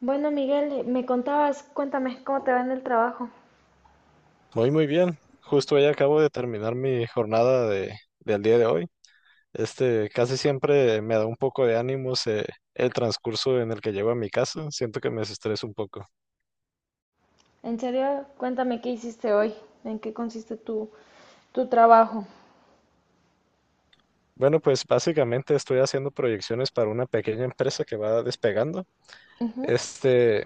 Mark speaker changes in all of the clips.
Speaker 1: Bueno, Miguel, me contabas, cuéntame cómo te va en el trabajo.
Speaker 2: Muy, muy bien. Justo ya acabo de terminar mi jornada del día de hoy. Casi siempre me da un poco de ánimos el transcurso en el que llego a mi casa. Siento que me desestreso un poco.
Speaker 1: En serio, cuéntame qué hiciste hoy, en qué consiste tu trabajo.
Speaker 2: Bueno, pues básicamente estoy haciendo proyecciones para una pequeña empresa que va despegando.
Speaker 1: Ujú.
Speaker 2: Este,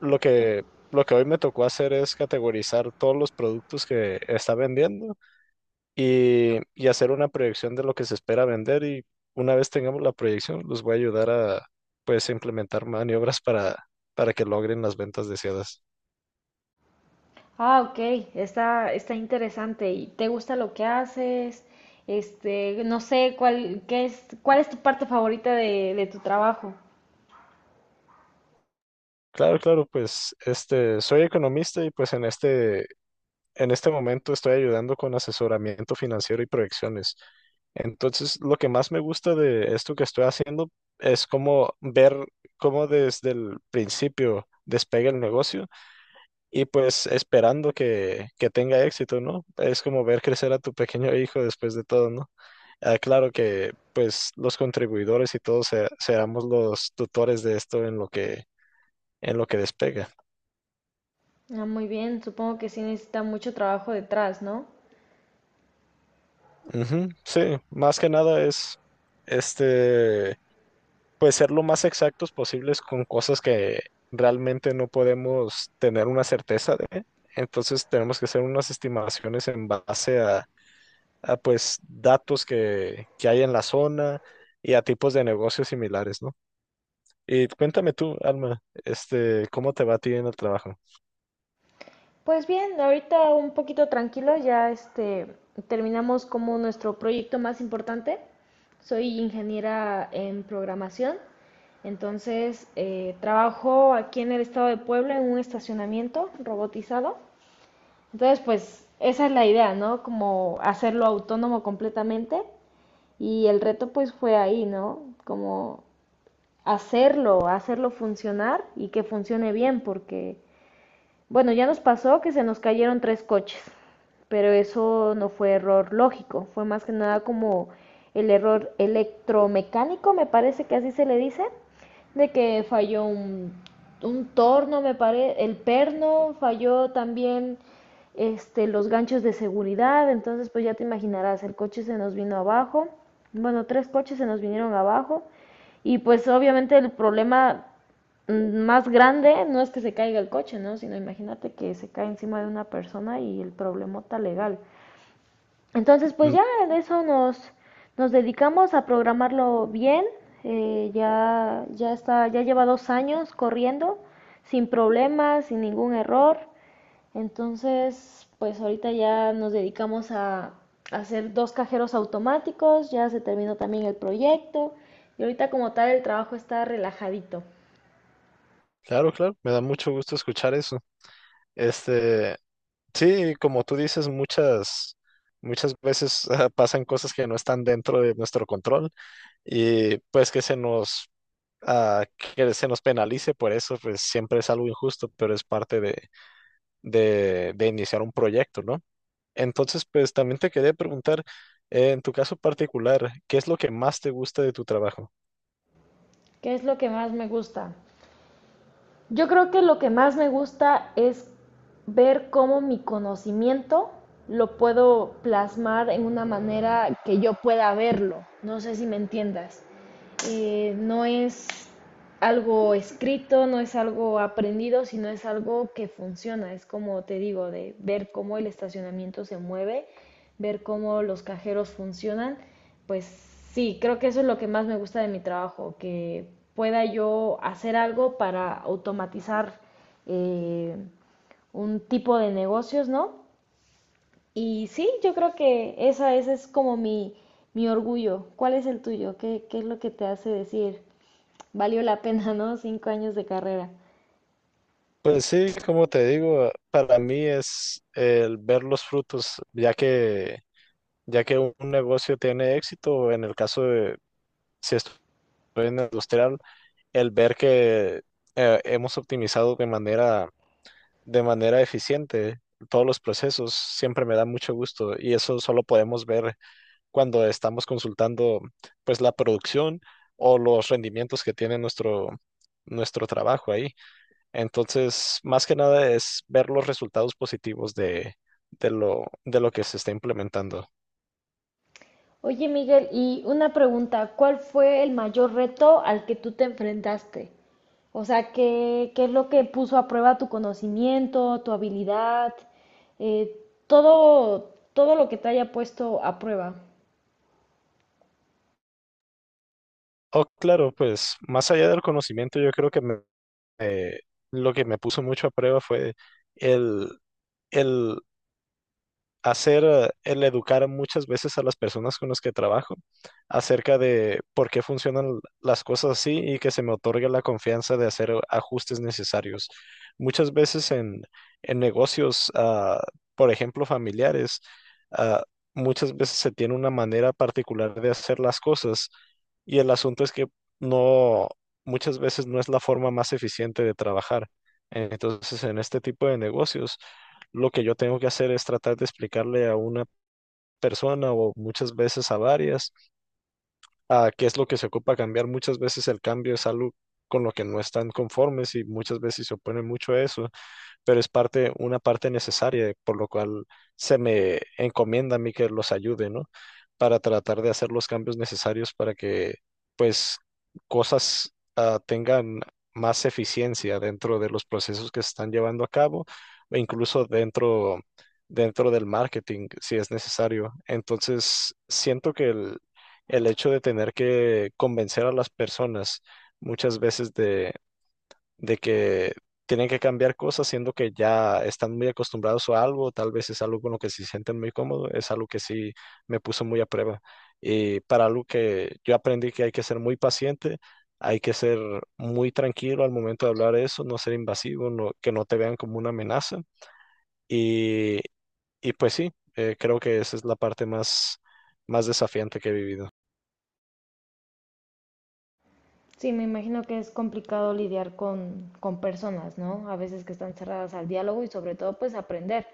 Speaker 2: lo que, lo que hoy me tocó hacer es categorizar todos los productos que está vendiendo y hacer una proyección de lo que se espera vender y una vez tengamos la proyección, los voy a ayudar a pues implementar maniobras para que logren las ventas deseadas.
Speaker 1: Ah, ok, está interesante. ¿Y te gusta lo que haces? No sé, cuál es tu parte favorita de tu trabajo.
Speaker 2: Claro, claro, pues soy economista y pues en este momento estoy ayudando con asesoramiento financiero y proyecciones. Entonces, lo que más me gusta de esto que estoy haciendo es como ver cómo desde el principio despega el negocio y pues esperando que tenga éxito, ¿no? Es como ver crecer a tu pequeño hijo después de todo, ¿no? Ah, claro que pues los contribuidores y todos seamos los tutores de esto en lo que despega.
Speaker 1: Ah, muy bien, supongo que sí necesita mucho trabajo detrás, ¿no?
Speaker 2: Ujú. Sí, más que nada es este, pues ser lo más exactos posibles con cosas que realmente no podemos tener una certeza de. Entonces tenemos que hacer unas estimaciones en base a pues datos que hay en la zona y a tipos de negocios similares, ¿no? Y cuéntame tú, Alma, este, ¿cómo te va a ti en el trabajo?
Speaker 1: Pues bien, ahorita un poquito tranquilo, ya terminamos como nuestro proyecto más importante. Soy ingeniera en programación, entonces trabajo aquí en el estado de Puebla en un estacionamiento robotizado. Entonces, pues esa es la idea, ¿no? Como hacerlo autónomo completamente. Y el reto pues fue ahí, ¿no? Como hacerlo funcionar y que funcione bien, porque bueno, ya nos pasó que se nos cayeron tres coches, pero eso no fue error lógico, fue más que nada como el error electromecánico, me parece que así se le dice, de que falló un torno, me parece, el perno, falló también los ganchos de seguridad, entonces pues ya te imaginarás, el coche se nos vino abajo, bueno, tres coches se nos vinieron abajo y pues obviamente el problema más grande no es que se caiga el coche, ¿no? Sino imagínate que se cae encima de una persona y el problemota legal. Entonces, pues
Speaker 2: Mm.
Speaker 1: ya en eso nos dedicamos a programarlo bien. Ya está, ya lleva 2 años corriendo, sin problemas, sin ningún error. Entonces, pues ahorita ya nos dedicamos a hacer dos cajeros automáticos, ya se terminó también el proyecto y ahorita como tal el trabajo está relajadito.
Speaker 2: Claro, claro, me da mucho gusto escuchar eso. Este, sí, como tú dices, muchas veces pasan cosas que no están dentro de nuestro control y pues que ah, que se nos penalice por eso, pues siempre es algo injusto, pero es parte de iniciar un proyecto, ¿no? Entonces, pues también te quería preguntar, en tu caso particular, ¿qué es lo que más te gusta de tu trabajo?
Speaker 1: ¿Qué es lo que más me gusta? Yo creo que lo que más me gusta es ver cómo mi conocimiento lo puedo plasmar en una manera que yo pueda verlo. No sé si me entiendas. No es algo escrito, no es algo aprendido, sino es algo que funciona. Es como te digo, de ver cómo el estacionamiento se mueve, ver cómo los cajeros funcionan. Pues sí, creo que eso es lo que más me gusta de mi trabajo, que pueda yo hacer algo para automatizar eh, un tipo de negocios, ¿no? Y sí, yo creo que ese es como mi orgullo. ¿Cuál es el tuyo? ¿Qué es lo que te hace decir, "valió la pena"? ¿No? 5 años de carrera.
Speaker 2: Pues sí, como te digo, para mí es el ver los frutos, ya que un negocio tiene éxito, en el caso de si estoy en el industrial, el ver que hemos optimizado de manera eficiente todos los procesos siempre me da mucho gusto y eso solo podemos ver cuando estamos consultando pues la producción o los rendimientos que tiene nuestro trabajo ahí. Entonces, más que nada es ver los resultados positivos de lo que se está implementando.
Speaker 1: Oye, Miguel, y una pregunta, ¿cuál fue el mayor reto al que tú te enfrentaste? O sea, ¿qué es lo que puso a prueba tu conocimiento, tu habilidad, eh, todo lo que te haya puesto a prueba?
Speaker 2: Oh, claro, pues más allá del conocimiento, yo creo que eh, lo que me puso mucho a prueba fue el, el hacer el educar muchas veces a las personas con las que trabajo acerca de por qué funcionan las cosas así y que se me otorgue la confianza de hacer ajustes necesarios. Muchas veces en negocios, por ejemplo, familiares, ah, muchas veces se tiene una manera particular de hacer las cosas y el asunto es que no, muchas veces no es la forma más eficiente de trabajar. Entonces, en este tipo de negocios, lo que yo tengo que hacer es tratar de explicarle a una persona o muchas veces a varias a qué es lo que se ocupa cambiar. Muchas veces el cambio es algo con lo que no están conformes y muchas veces se oponen mucho a eso, pero es parte, una parte necesaria, por lo cual se me encomienda a mí que los ayude, ¿no? Para tratar de hacer los cambios necesarios para que, pues, cosas tengan más eficiencia dentro de los procesos que se están llevando a cabo o incluso dentro del marketing, si es necesario. Entonces, siento que el hecho de tener que convencer a las personas muchas veces de que tienen que cambiar cosas, siendo que ya están muy acostumbrados a algo, tal vez es algo con lo que se sienten muy cómodos, es algo que sí me puso muy a prueba. Y para algo que yo aprendí que hay que ser muy paciente, hay que ser muy tranquilo al momento de hablar eso, no ser invasivo, no, que no te vean como una amenaza. Y, y pues sí, creo que esa es la parte más, más desafiante que he vivido.
Speaker 1: Sí, me imagino que es complicado lidiar con personas, ¿no? A veces que están cerradas al diálogo y sobre todo pues aprender.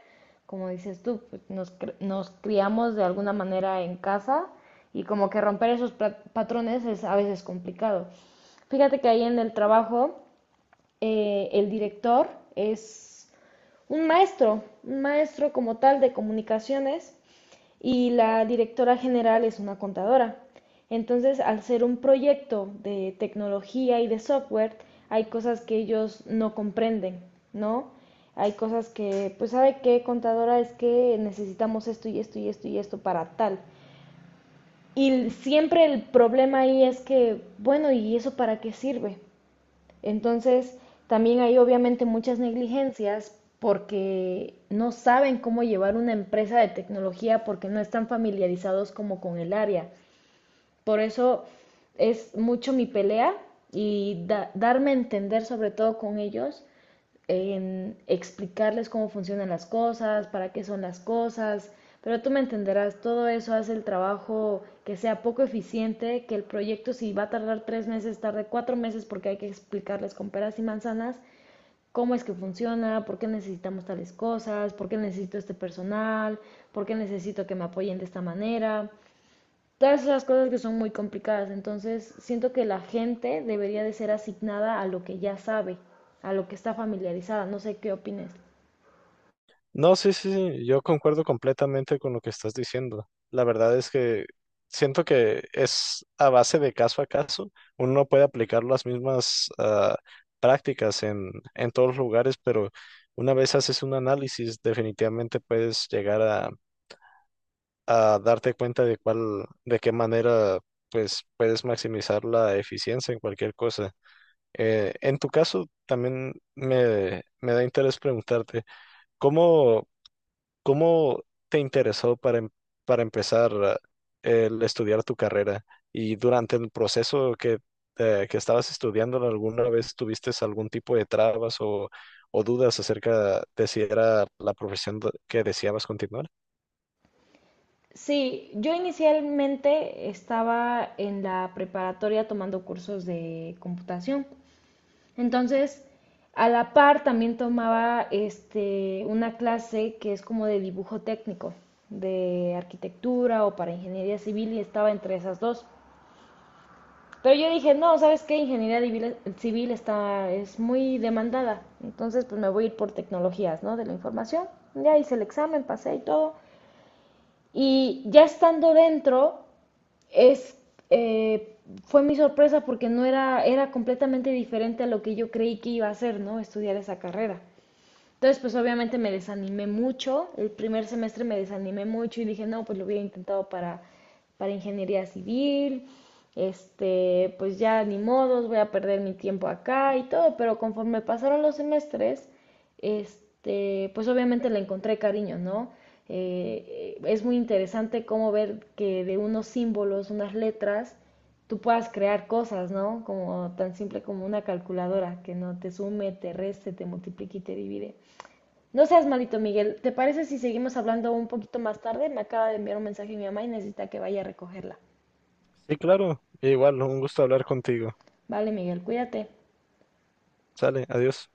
Speaker 1: Como dices tú, pues, nos criamos de alguna manera en casa y como que romper esos patrones es a veces complicado. Fíjate que ahí en el trabajo el director es un maestro como tal de comunicaciones y la directora general es una contadora. Entonces, al ser un proyecto de tecnología y de software, hay cosas que ellos no comprenden, ¿no? Hay cosas que, pues, ¿sabe qué, contadora? Es que necesitamos esto y esto y esto y esto para tal. Y siempre el problema ahí es que, bueno, ¿y eso para qué sirve? Entonces, también hay obviamente muchas negligencias porque no saben cómo llevar una empresa de tecnología porque no están familiarizados como con el área. Por eso es mucho mi pelea y darme a entender sobre todo con ellos, en explicarles cómo funcionan las cosas, para qué son las cosas, pero tú me entenderás, todo eso hace el trabajo que sea poco eficiente, que el proyecto si va a tardar 3 meses, tarde 4 meses porque hay que explicarles con peras y manzanas cómo es que funciona, por qué necesitamos tales cosas, por qué necesito este personal, por qué necesito que me apoyen de esta manera todas esas cosas que son muy complicadas. Entonces, siento que la gente debería de ser asignada a lo que ya sabe, a lo que está familiarizada. No sé qué opines.
Speaker 2: No, sí, sí, sí, yo concuerdo completamente con lo que estás diciendo. La verdad es que siento que es a base de caso a caso. Uno no puede aplicar las mismas prácticas en todos los lugares, pero una vez haces un análisis, definitivamente puedes llegar a darte cuenta de de qué manera, pues, puedes maximizar la eficiencia en cualquier cosa. En tu caso, también me da interés preguntarte, ¿cómo... ¿Cómo te interesó para empezar el estudiar tu carrera? Y durante el proceso que estabas estudiando, ¿alguna vez tuviste algún tipo de trabas o dudas acerca de si era la profesión que deseabas continuar?
Speaker 1: Sí, yo inicialmente estaba en la preparatoria tomando cursos de computación. Entonces, a la par también tomaba una clase que es como de dibujo técnico, de arquitectura o para ingeniería civil y estaba entre esas dos. Pero yo dije, no, ¿sabes qué? Ingeniería civil es muy demandada. Entonces, pues me voy a ir por tecnologías, ¿no? De la información. Ya hice el examen, pasé y todo. Y ya estando dentro, es, eh, fue mi sorpresa porque no era, era completamente diferente a lo que yo creí que iba a hacer, ¿no? Estudiar esa carrera. Entonces, pues obviamente me desanimé mucho, el primer semestre me desanimé mucho y dije, no, pues lo hubiera intentado para ingeniería civil, pues ya ni modos, voy a perder mi tiempo acá y todo, pero conforme pasaron los semestres, pues obviamente le encontré cariño, ¿no? Es muy interesante cómo ver que de unos símbolos, unas letras, tú puedas crear cosas, ¿no? Como tan simple como una calculadora que no te sume, te reste, te multiplique y te divide. No seas malito, Miguel. ¿Te parece si seguimos hablando un poquito más tarde? Me acaba de enviar un mensaje mi mamá y necesita que vaya a recogerla.
Speaker 2: Sí, claro. Igual, un gusto hablar contigo.
Speaker 1: Vale, Miguel, cuídate.
Speaker 2: Sale, adiós.